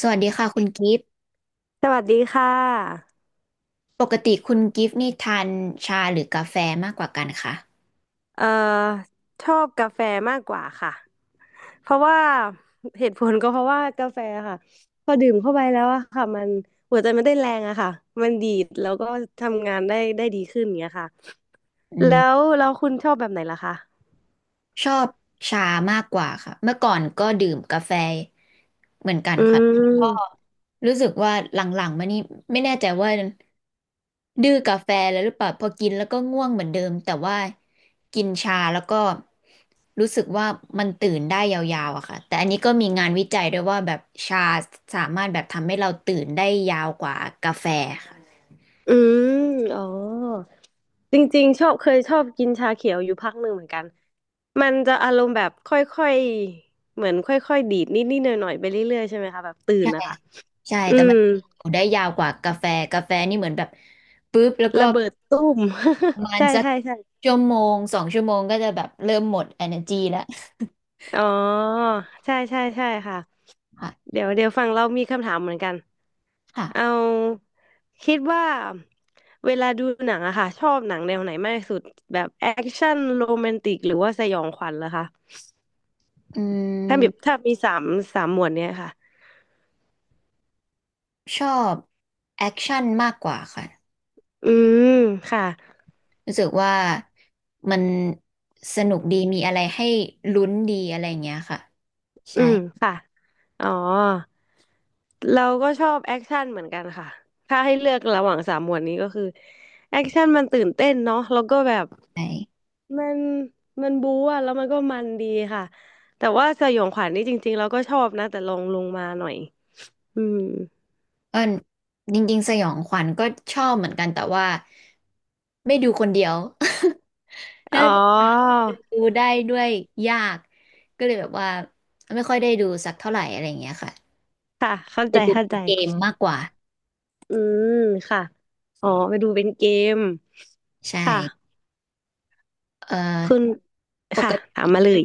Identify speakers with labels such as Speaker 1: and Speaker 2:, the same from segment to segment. Speaker 1: สวัสดีค่ะคุณกิฟต์
Speaker 2: สวัสดีค่ะ
Speaker 1: ปกติคุณกิฟต์นี่ทานชาหรือกาแฟมากกว่ากันคะ
Speaker 2: เอ่อชอบกาแฟมากกว่าค่ะ เพราะว่าเหตุผลก็เพราะว่ากาแฟค่ะ พอดื่มเข้าไปแล้วอะค่ะ มันหัวใจมันได้แรงอะค่ะ มันดีดแล้วก็ทำงานได้ดีขึ้นอย่างเงี้ยค่ะ
Speaker 1: อื
Speaker 2: แล้ว
Speaker 1: ม
Speaker 2: แล้วคุณชอบแบบไหนล่ะคะ
Speaker 1: ชอบชามากกว่าค่ะเมื่อก่อนก็ดื่มกาแฟเหมือนกัน
Speaker 2: อื
Speaker 1: ค่ะ
Speaker 2: ม
Speaker 1: รู้สึกว่าหลังๆมานี่ไม่แน่ใจว่าดื้อกาแฟแล้วหรือเปล่าพอกินแล้วก็ง่วงเหมือนเดิมแต่ว่ากินชาแล้วก็รู้สึกว่ามันตื่นได้ยาวๆอะค่ะแต่อันนี้ก็มีงานวิจัยด้วยว่าแบบชาสามารถแบบทำให้เราตื่นได้ยาวกว่ากาแฟค่ะ
Speaker 2: อืมอ๋อจริงๆชอบเคยชอบกินชาเขียวอยู่พักหนึ่งเหมือนกัน มันจะอารมณ์แบบค่อยๆ เหมือนค่อยๆดีดนิดๆหน่อยๆไปเรื่อยๆใช่ไหมคะแบบตื่นนะคะ
Speaker 1: ใช่
Speaker 2: อื
Speaker 1: แต่มั
Speaker 2: ม
Speaker 1: นอยู่ได้ยาวกว่ากาแฟ กาแฟนี่เหมือนแบบปุ๊บแล้วก็
Speaker 2: ระเบิดตุ้ม
Speaker 1: ประมา ณ
Speaker 2: ใช่
Speaker 1: สัก
Speaker 2: ใช่ใช่
Speaker 1: ชั่วโมงสองชั่วโมงก็จะแบบเริ่มหมด energy แล้ว
Speaker 2: อ๋อใช่ใช่ใช่ค่ะ
Speaker 1: ค่ะ
Speaker 2: เดี๋ยวฝั่งเรามีคำถามเหมือนกันเอา
Speaker 1: ค่ะ
Speaker 2: คิดว่าเวลาดูหนังอะค่ะชอบหนังแนวไหนมากที่สุดแบบแอคชั่นโรแมนติกหรือว่าสยองขวัญเหรอคะ
Speaker 1: อื
Speaker 2: ถ้ามี
Speaker 1: ม
Speaker 2: ถ้ามีสามหมวดเนี้ยค่ะ
Speaker 1: ชอบแอคชั่นมากกว่าค่ะ
Speaker 2: อืมค่ะ
Speaker 1: รู้สึกว่ามันสนุกดีมีอะไรให้ลุ้นดีอะไรอย่างเงี้ยค่ะ
Speaker 2: อื
Speaker 1: ใช่
Speaker 2: มค่ะ อ๋อ เราก็ชอบแอคชั่นเหมือนกันค่ะ ถ้าให้เลือกระหว่างสามหมวดนี้ก็คือแอคชั่นมันตื่นเต้นเนาะแล้วก็แบบ
Speaker 1: ใช่
Speaker 2: มันมันบู๊อะแล้วมันก็มันดีค่ะ แต่ว่าสยองขวัญนี่จริงๆเราก็ชอบนะ แต่ลงมาหน่อยอืม
Speaker 1: เออจริงๆสยองขวัญก็ชอบเหมือนกันแต่ว่าไม่ดูคนเดียว
Speaker 2: อ๋
Speaker 1: ถ้า
Speaker 2: อ
Speaker 1: ดูได้ด้วยยากก็เลยแบบว่าไม่ค่อยได้ดูสักเท่าไหร่อะไรอย่างเงี้ยค่ะ
Speaker 2: ค่ะเข้า
Speaker 1: จะ
Speaker 2: ใจ
Speaker 1: ดู
Speaker 2: เข้า
Speaker 1: เป็
Speaker 2: ใจ
Speaker 1: นเกมมากกว่า
Speaker 2: อืม ค่ะ อ๋อไปดูเป็นเกม
Speaker 1: ใช่
Speaker 2: ค่ะ
Speaker 1: เอ่
Speaker 2: คุณ
Speaker 1: อป
Speaker 2: ค่ะ
Speaker 1: ก
Speaker 2: ถาม
Speaker 1: ติ
Speaker 2: มาเลย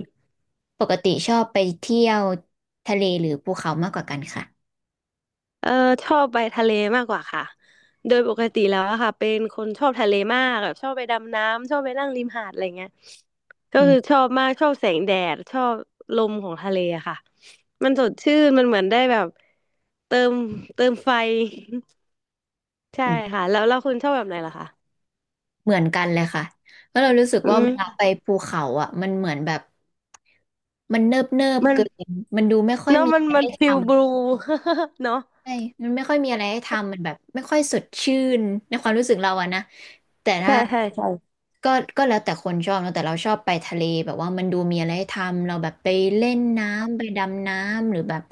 Speaker 1: ปกติชอบไปเที่ยวทะเลหรือภูเขามากกว่ากันค่ะ
Speaker 2: เออชอบไปทะเลมากกว่าค่ะโดยปกติแล้วอะค่ะเป็นคนชอบทะเลมากแบบชอบไปดำน้ำชอบไปนั่งริมหาดอะไรเงี้ยก็
Speaker 1: อื
Speaker 2: คือช
Speaker 1: ม
Speaker 2: อบมากชอบแสงแดดชอบลมของทะเลอะค่ะมันสดชื่นมันเหมือนได้แบบเติมเติมไฟ ใช่
Speaker 1: อืม
Speaker 2: ค่ะแล้วคุณชอบแบบไหนล่ะคะ
Speaker 1: เหมือนกันเลยค่ะเพราะเรารู้สึก
Speaker 2: อื
Speaker 1: ว่า
Speaker 2: ม
Speaker 1: เวลาไปภูเขาอ่ะมันเหมือนแบบมันเนิบเนิบ
Speaker 2: มัน
Speaker 1: เกินมันดูไม่ค่อย
Speaker 2: เนาะ
Speaker 1: มี
Speaker 2: มั
Speaker 1: อะ
Speaker 2: น
Speaker 1: ไร
Speaker 2: มัน
Speaker 1: ให้ท
Speaker 2: ฟิลบลู เนาะ
Speaker 1: ใช่มันไม่ค่อยมีอะไรให้ทำมันแบบไม่ค่อยสดชื่นในความรู้สึกเราอะนะ แต่ถ้า
Speaker 2: ใช่ใช่ใช่
Speaker 1: ก็ก็แล้วแต่คนชอบเนอะแต่เราชอบไปทะเลแบบว่ามันดูมีอะไรให้ทำ เราแบบไปเล่นน้ำไปดำน้ำหรือแบบ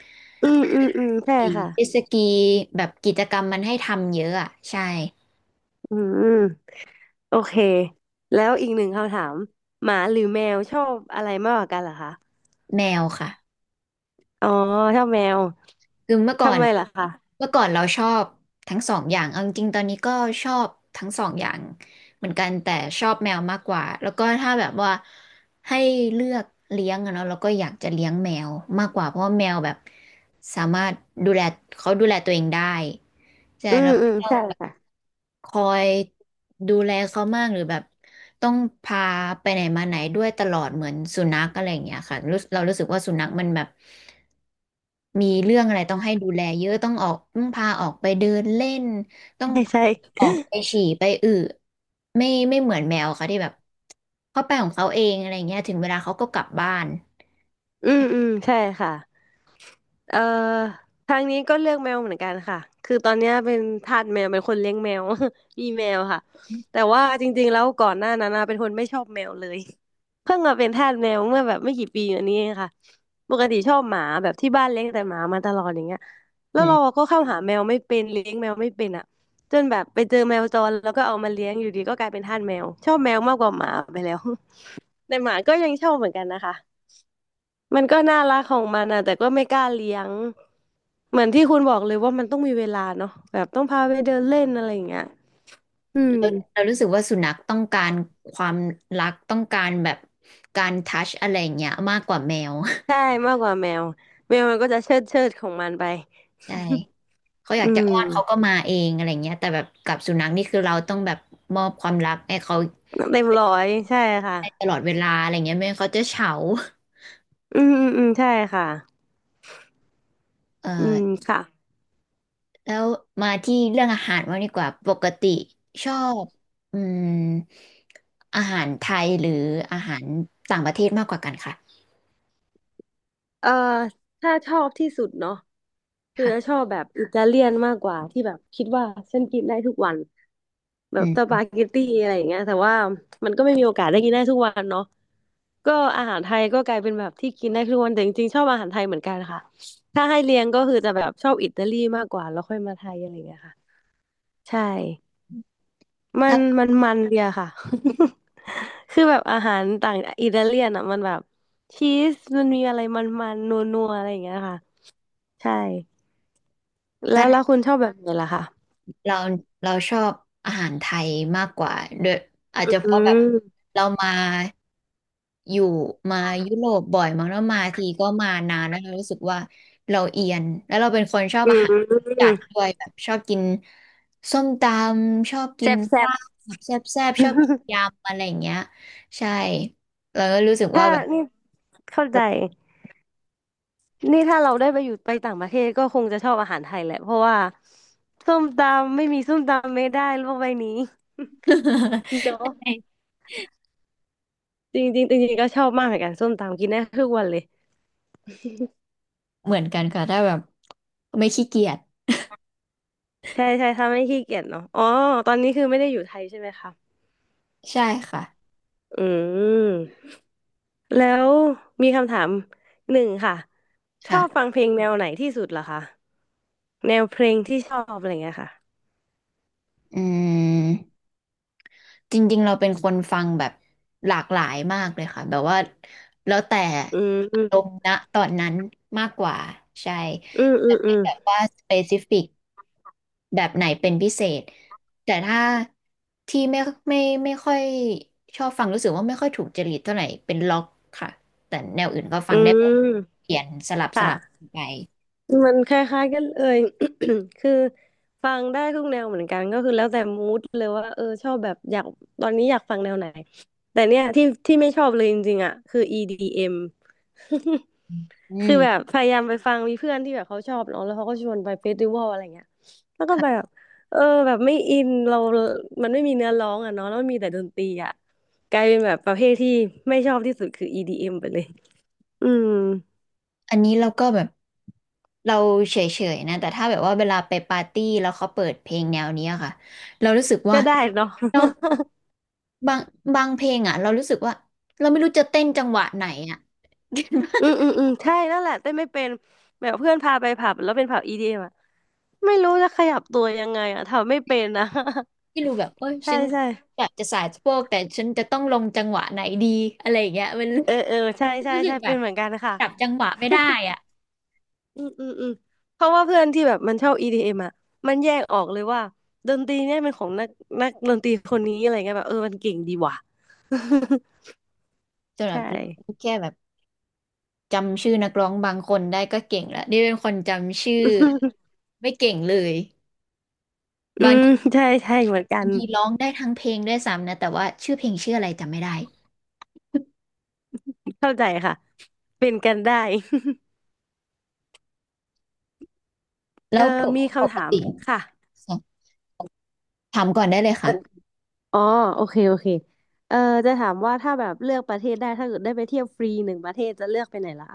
Speaker 2: อืมอืมอืมใช่
Speaker 1: ขี่
Speaker 2: ค่ะ
Speaker 1: เจ็ตสกีแบบกิจกรรมมันให้ทำเยอะอะใช่
Speaker 2: อืม โอเค แล้วอีกหนึ่งคำถามหมาหรือแมวชอบอะไรมากกว่ากันเหรอคะ
Speaker 1: แมวค่ะ
Speaker 2: อ๋อชอบแมว
Speaker 1: คือเมื่อก่อ
Speaker 2: ทำ
Speaker 1: น
Speaker 2: ไมล่ะคะ
Speaker 1: เมื่อก่อนเราชอบทั้งสองอย่างเอาจริงๆตอนนี้ก็ชอบทั้งสองอย่างเหมือนกันแต่ชอบแมวมากกว่าแล้วก็ถ้าแบบว่าให้เลือกเลี้ยงอะเนาะเราก็อยากจะเลี้ยงแมวมากกว่าเพราะว่าแมวแบบสามารถดูแลเขาดูแลตัวเองได้ใช่
Speaker 2: อื
Speaker 1: แล้
Speaker 2: ม
Speaker 1: ว
Speaker 2: อืมใช่ค่ะ
Speaker 1: คอยดูแลเขามากหรือแบบต้องพาไปไหนมาไหนด้วยตลอดเหมือนสุนัขอะไรอย่างเงี้ยค่ะเรารู้สึกว่าสุนัขมันแบบมีเรื่องอะไรต้องให้ดูแลเยอะต้องออกต้องพาออกไปเดินเล่นต้อ ง
Speaker 2: ใช่
Speaker 1: พา
Speaker 2: ใช่
Speaker 1: ออกไปฉี่ไปอึไม่เหมือนแมวค่ะที่แบบเขาไปของเขาเองอะไรเงี้ยถึงเวลาเขาก็กลับบ้าน
Speaker 2: อืมอืมใช่ค่ะ เอ่อทางนี้ก็เลือกแมวเหมือนกันค่ะคือตอนเนี้ยเป็นทาสแมวเป็นคนเลี้ยงแมว มีแมวค่ะแต่ว่าจริงๆแล้วก่อนหน้านั้นนะเป็นคนไม่ชอบแมวเลย เพิ่งมาเป็นทาสแมวเมื่อแบบไม่กี่ปีมานี้เองค่ะปกติชอบหมาแบบที่บ้านเลี้ยงแต่หมามาตลอดอย่างเงี้ยแล้
Speaker 1: อื
Speaker 2: วเรา
Speaker 1: ม
Speaker 2: ก็เข้าหาแมวไม่เป็นเลี้ยงแมวไม่เป็นอ่ะจนแบบไปเจอแมวจรแล้วก็เอามาเลี้ยงอยู่ดีก็กลายเป็นทาสแมวชอบแมวมากกว่าหมาไปแล้ว แต่หมาก็ยังชอบเหมือนกันนะคะ มันก็น่ารักของมันอะแต่ก็ไม่กล้าเลี้ยงเหมือนที่คุณบอกเลยว่ามันต้องมีเวลาเนาะแบบต้องพาไปเดินเล่นอะไรอย่างเงี้ยอืม
Speaker 1: เรารู้สึกว่าสุนัขต้องการความรักต้องการแบบการทัชอะไรอย่างเงี้ยมากกว่าแมว
Speaker 2: ใช่มากกว่าแมวแมวมันก็จะเชิดของมันไป
Speaker 1: ใช่ เขาอ ยา
Speaker 2: อื
Speaker 1: กจะ
Speaker 2: ม
Speaker 1: อ้อนเขาก็มาเองอะไรเงี้ยแต่แบบกับสุนัขนี่คือเราต้องแบบมอบความรักให้เขา
Speaker 2: เต็มร้อยใช่ค่ะ
Speaker 1: ได้ตลอดเวลาอะไรเงี้ยไม่งั้นเขาจะเฉา
Speaker 2: อืมอืมอืมใช่ค่ะ
Speaker 1: เอ่
Speaker 2: อื
Speaker 1: อ
Speaker 2: มค่ะ
Speaker 1: แล้วมาที่เรื่องอาหารว่างดีกว่าปกติชอบอืมอาหารไทยหรืออาหารต่างประเทศมากกว่ากันค่ะ
Speaker 2: เอ่อถ้าชอบที่สุดเนาะ คือจะช
Speaker 1: ค่ะ
Speaker 2: อบแบบอิตาเลียนมากกว่าที่แบบคิดว่าฉันกินได้ทุกวันแบ
Speaker 1: อื
Speaker 2: บส
Speaker 1: ม
Speaker 2: ปาเกตตี้อะไรอย่างเงี้ยแต่ว่ามันก็ไม่มีโอกาสได้กินได้ทุกวันเนาะก็อาหารไทยก็กลายเป็นแบบที่กินได้ทุกวันแต่จริงๆชอบอาหารไทยเหมือนกันค่ะถ้าให้เรียงก็คือจะแบบชอบอิตาลีมากกว่าแล้วค่อยมาไทยอะไรอย่างเงี้ยค่ะใช่มั
Speaker 1: ถ้า
Speaker 2: นมันมันเดียค่ะ คือแบบอาหารต่างอิตาเลียนอ่ะมันแบบชีสมันมีอะไรมันๆนนัวนัวๆอะไรอย่างเงี้ยค่ะใช่แล้
Speaker 1: ถ้า
Speaker 2: วแล้วคุณชอบแบบไหนล่ะคะ
Speaker 1: เราเราชอบอาหารไทยมากกว่าด้วยอาจจะเพ
Speaker 2: อื
Speaker 1: ราะแบบ
Speaker 2: ม
Speaker 1: เรามาอยู่มายุโรปบ่อยมั้งแล้วมาทีก็มานานแล้วเรารู้สึกว่าเราเอียนแล้วเราเป็นคนชอบ
Speaker 2: อื
Speaker 1: อาหารจัด
Speaker 2: ม
Speaker 1: ด้วยแบบชอบกินส้มตำชอบกิน
Speaker 2: แซ่บแซ่บ
Speaker 1: ลาบแบบแซ่บๆชอบกิน ยำอะไรอย่างเงี้ยใช่เราก็รู้สึกว่า
Speaker 2: ถ้า
Speaker 1: แบบ
Speaker 2: นี่เข้าใจนี่ถ้าเราได้ไปอยู่ไปต่างประเทศก็คงจะชอบอาหารไทยแหละเพราะว่าส้มตำไม่มีส้มตำไม่ได้โลกใบนี้
Speaker 1: ใ
Speaker 2: เนาะ
Speaker 1: ช่
Speaker 2: จริงจริงจริงๆก็ชอบมากเหมือนกันส้มตำกินได้ทุกวันเลย
Speaker 1: เหมือนกันค่ะถ้าแบบไม่ขี้เกียจ
Speaker 2: ใช่ใช่ถ้าไม่ขี้เกียจเนาะอ๋อตอนนี้คือไม่ได้อยู่ไทยใช่ไหมคะ
Speaker 1: ใช่ค่ะ
Speaker 2: อืมแล้วมีคำถามหนึ่งค่ะชอบฟั
Speaker 1: ค่ะ
Speaker 2: งเพลงแนวไหนที่สุดเหรอคะแนวเพลงที่ชอบอะไรเงี้ยค่ะ
Speaker 1: อืม จริงๆเราเป็นคนฟังแบบหลากหลายมากเลยค่ะแบบว่าแล้วแต่
Speaker 2: อื
Speaker 1: อารม
Speaker 2: ม
Speaker 1: ณ์ณตอนนั้นมากกว่าใช่
Speaker 2: อืมอื
Speaker 1: แต่
Speaker 2: มอื
Speaker 1: ไม่
Speaker 2: ม
Speaker 1: แบบว่าสเปซิฟิกแบบไหนเป็นพิเศษแต่ถ้าที่ไม่ไม่ค่อยชอบฟังรู้สึกว่าไม่ค่อยถูกจริตเท่าไหร่เป็นล็อกค่ะแต่แนวอื่นก็ฟั
Speaker 2: อื
Speaker 1: งได้แบ
Speaker 2: ม
Speaker 1: บเปลี่ยนสลับส
Speaker 2: ค่ะ
Speaker 1: ลับไป
Speaker 2: มันคล้ายๆกันเลย คือฟังได้ทุกแนวเหมือนกันก็คือแล้วแต่มูดเลยว่าเออชอบแบบอยากตอนนี้อยากฟังแนวไหนแต่เนี่ยที่ไม่ชอบเลยจริงๆอ่ะคือ EDM
Speaker 1: อื
Speaker 2: คือแบบ
Speaker 1: ม
Speaker 2: พยายามไปฟังมีเพื่อนที่แบบเขาชอบเนาะแล้วเขาก็ชวนไปเฟสติวัลอะไรเงี้ยแล้วก็แบบ
Speaker 1: ค่ะ
Speaker 2: เออแบบไม่อินเรามันไม่มีเนื้อร้องอ่ะเนาะแล้วมันมีแต่ดนตรีอ่ะกลายเป็นแบบประเภทที่ไม่ชอบที่สุดคือ EDM ไปเลยอืม
Speaker 1: อันนี้เราก็แบบ เราเฉยๆนะแต่ถ้าแบบว่าเวลาไปปาร์ตี้แล้วเขาเปิดเพลงแนวเนี้ยค่ะเรารู้สึกว่า
Speaker 2: ก็ได้เนาะ
Speaker 1: เรา บางบางเพลงอ่ะเรารู้สึกว่าเราไม่รู้จะเต้นจังหวะไหนอ่ะ
Speaker 2: อืม อืมอืมใช่นั่นแหละเต้นไม่เป็นแบบเพื่อนพาไปผับแล้วเป็นผับอีดีเอมอะไม่รู้จะขยับตัวยังไงอ่ะทำไม่เป็นนะ
Speaker 1: ไม่รู้แบบเอ้ย
Speaker 2: ใช่
Speaker 1: ฉัน
Speaker 2: ใช่
Speaker 1: อยากจะสายสะโพกแต่ฉันจะต้องลงจังหวะไหนดีอะไรอย่างเงี้ยมัน
Speaker 2: เออเออใช่ใช่
Speaker 1: รู้สึ
Speaker 2: ใช่
Speaker 1: กแบ
Speaker 2: เป็น
Speaker 1: บ
Speaker 2: เหมือนกันค่ะ
Speaker 1: จับจังหวะไม่ได้ อ่ะ
Speaker 2: อืมเพราะว่าเพื่อนที่แบบมันชอบ EDM อมอ่ะมันแยกออกเลยว่าดนตรีเนี่ยเป็นของนักดนตรีคนนี้อะไรเงี้ยแบบเออมันเก่งดีว่ะ
Speaker 1: จน แบบ
Speaker 2: ใช่
Speaker 1: แค่แบบจำชื่อนักร้องบางคนได้ก็เก่งแล้วนี่เป็นคนจำชื่อ ไม่เก่งเลย
Speaker 2: อืมใช่ใช่เหมือนกัน
Speaker 1: ยีร้องได้ทั้งเพลงด้วยซ้ำนะแต่ว่าชื่อเพลงชื่ออะไรจำไม่ได้
Speaker 2: เข้าใจค่ะเป็นกันได้ เอ
Speaker 1: แล้
Speaker 2: อ
Speaker 1: วปก
Speaker 2: มี
Speaker 1: ป
Speaker 2: คำ
Speaker 1: ก
Speaker 2: ถาม
Speaker 1: ติ
Speaker 2: ค่ะ
Speaker 1: ถามก่อนได้เลยค่ะ
Speaker 2: อ๋อโอเคโอเคเอ่อจะถามว่าถ้าแบบเลือกประเทศได้ ถ้าเกิดได้ไปเที่ยวฟรีหนึ่งประเทศจะเลือกไปไหนล่ะ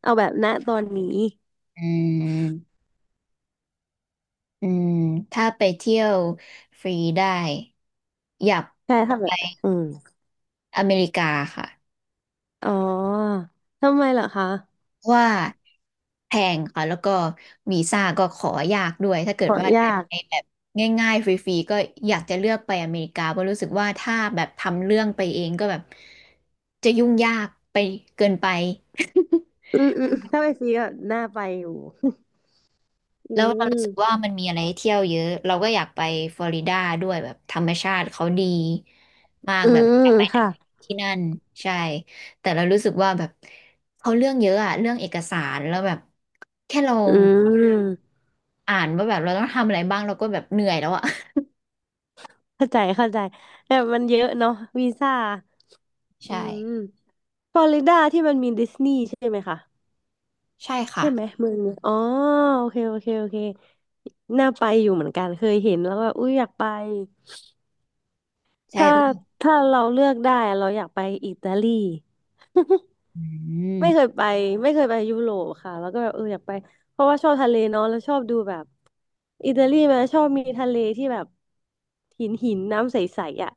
Speaker 2: เอาแบบณตอนนี้
Speaker 1: อืมอืมถ้าไปเที่ยวฟรีได้อยาก
Speaker 2: ใช่ถ้าแบ
Speaker 1: ไป
Speaker 2: บอืม
Speaker 1: อเมริกาค่ะ
Speaker 2: อ๋อทำไมเหรอคะ
Speaker 1: ะว่าแพงค่ะแล้วก็วีซ่าก็ขอยากด้วยถ้าเกิ
Speaker 2: ข
Speaker 1: ด
Speaker 2: อ
Speaker 1: ว่า
Speaker 2: ยา
Speaker 1: ได้
Speaker 2: ก
Speaker 1: ไปแบบง่ายๆฟรีๆก็อยากจะเลือกไปอเมริกาเพราะรู้สึกว่าถ้าแบบทำเรื่องไปเองก็แบบจะยุ่งยากไปเกินไป
Speaker 2: อืมอืมถ้าไปฟรีก็น่าไปอยู่ อื
Speaker 1: แล้วเรา
Speaker 2: ม
Speaker 1: รู้สึกว่ามันมีอะไรให้เที่ยวเยอะเราก็อยากไปฟลอริดาด้วยแบบธรรมชาติเขาดีมาก
Speaker 2: อื
Speaker 1: แบบ
Speaker 2: ม
Speaker 1: อยากไป
Speaker 2: ค่ะ
Speaker 1: ที่นั่นใช่แต่เรารู้สึกว่าแบบเขาเรื่องเยอะอะเรื่องเอกสารแล้วแบบแค่เรา
Speaker 2: อืม
Speaker 1: อ่านว่าแบบเราต้องทำอะไรบ้างเราก็แบบเหนื่อยแล้วอะ
Speaker 2: เข้าใจเข้าใจแต่มันเยอะเนาะวีซ่าอื
Speaker 1: ใช่
Speaker 2: มฟลอริดาที่มันมีดิสนีย์ใช่ไหมคะ
Speaker 1: ใช่ค่ะ
Speaker 2: ใช่ไหมเมืองเนยอ๋อโอเคโอเคโอเคน่าไปอยู่เหมือนกันเคยเห็นแล้วก็อุ้ยอยากไป
Speaker 1: ใช่
Speaker 2: ถ้าถ้าเราเลือกได้เราอยากไปอิตาลี
Speaker 1: อืม
Speaker 2: ไม่เคยไปไม่เคยไปยุโรปค่ะแล้วก็แบบเอออยากไปเพราะว่าชอบทะเลเนาะแล้วชอบดูแบบอิตาลีมันชอบมีทะเลที่แบบหินหินน้ำใสๆอ่ะ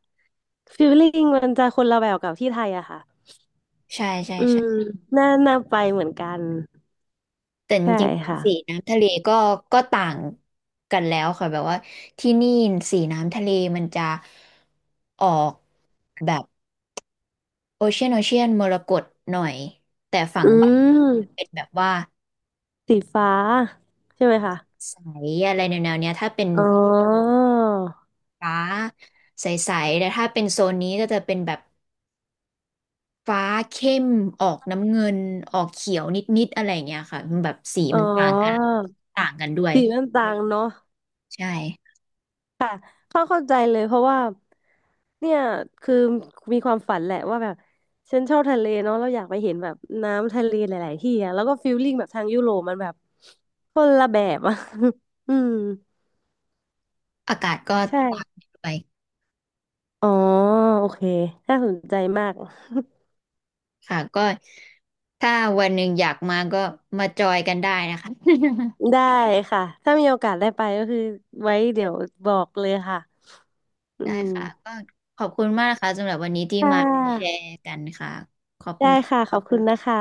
Speaker 2: ฟีลลิ่งมันจะคนละแบบกับที่ไทยอะค่ะ
Speaker 1: ใช่ใช่
Speaker 2: อืม
Speaker 1: ใช่
Speaker 2: น่าน่าไปเหมือนกัน
Speaker 1: แต่จ
Speaker 2: ใช่
Speaker 1: ริง
Speaker 2: ค่ะ
Speaker 1: ๆสีน้ำทะเลก็ต่างกันแล้วค่ะแบบว่าที่นี่สีน้ำทะเลมันจะออกแบบโอเชียนมรกตหน่อยแต่ฝั่ง
Speaker 2: อื
Speaker 1: บ้านเป็น
Speaker 2: ม
Speaker 1: แบบว่า
Speaker 2: สีฟ้าใช่ไหมคะ
Speaker 1: ใสอะไรแนวๆเนี้ยถ้าเป็น
Speaker 2: อ๋อ
Speaker 1: ฟ้าใสๆแต่ถ้าเป็นโซนนี้ก็จะเป็นแบบฟ้าเข้มออกน้ำเงินออกเขียวนิดๆอะไรอย่างเงี้ยค่ะมันแบบสี
Speaker 2: อ๋อ
Speaker 1: มันต่างกันต่างกันด้วย
Speaker 2: สีมันต่างเนาะ
Speaker 1: ใช่
Speaker 2: เข้าเข้าใจเลยเพราะว่า เนี่ย คือมีความฝันแหละว่าแบบ ฉันชอบทะเลเนาะเราอยากไปเห็นแบบน้ำทะเลหลายๆที่อะแล้วก็ฟิลลิ่งแบบทางยุโรปมันแบบคนละแบบอะ อืม
Speaker 1: อากาศก็
Speaker 2: ใ
Speaker 1: ต่าง
Speaker 2: ช่
Speaker 1: กันด้วย
Speaker 2: อ๋อ โอเคน่าสนใจมาก
Speaker 1: ค่ะก็ถ้าวันหนึ่งอยากมาก็มาจอยกันได้นะคะ
Speaker 2: ได้ค่ะ ถ้ามีโอกาสได้ไปก็คือไว้เดี๋ยวบอกเลยค่ะอื
Speaker 1: ได้
Speaker 2: ม
Speaker 1: ค่ะก็ขอบคุณมากนะคะสำหรับวันนี้ที่
Speaker 2: ค่
Speaker 1: มาแช
Speaker 2: ะ
Speaker 1: ร์กันค่ะขอบคุ
Speaker 2: ได้
Speaker 1: ณค่ะ
Speaker 2: ค่ะขอบคุณนะคะ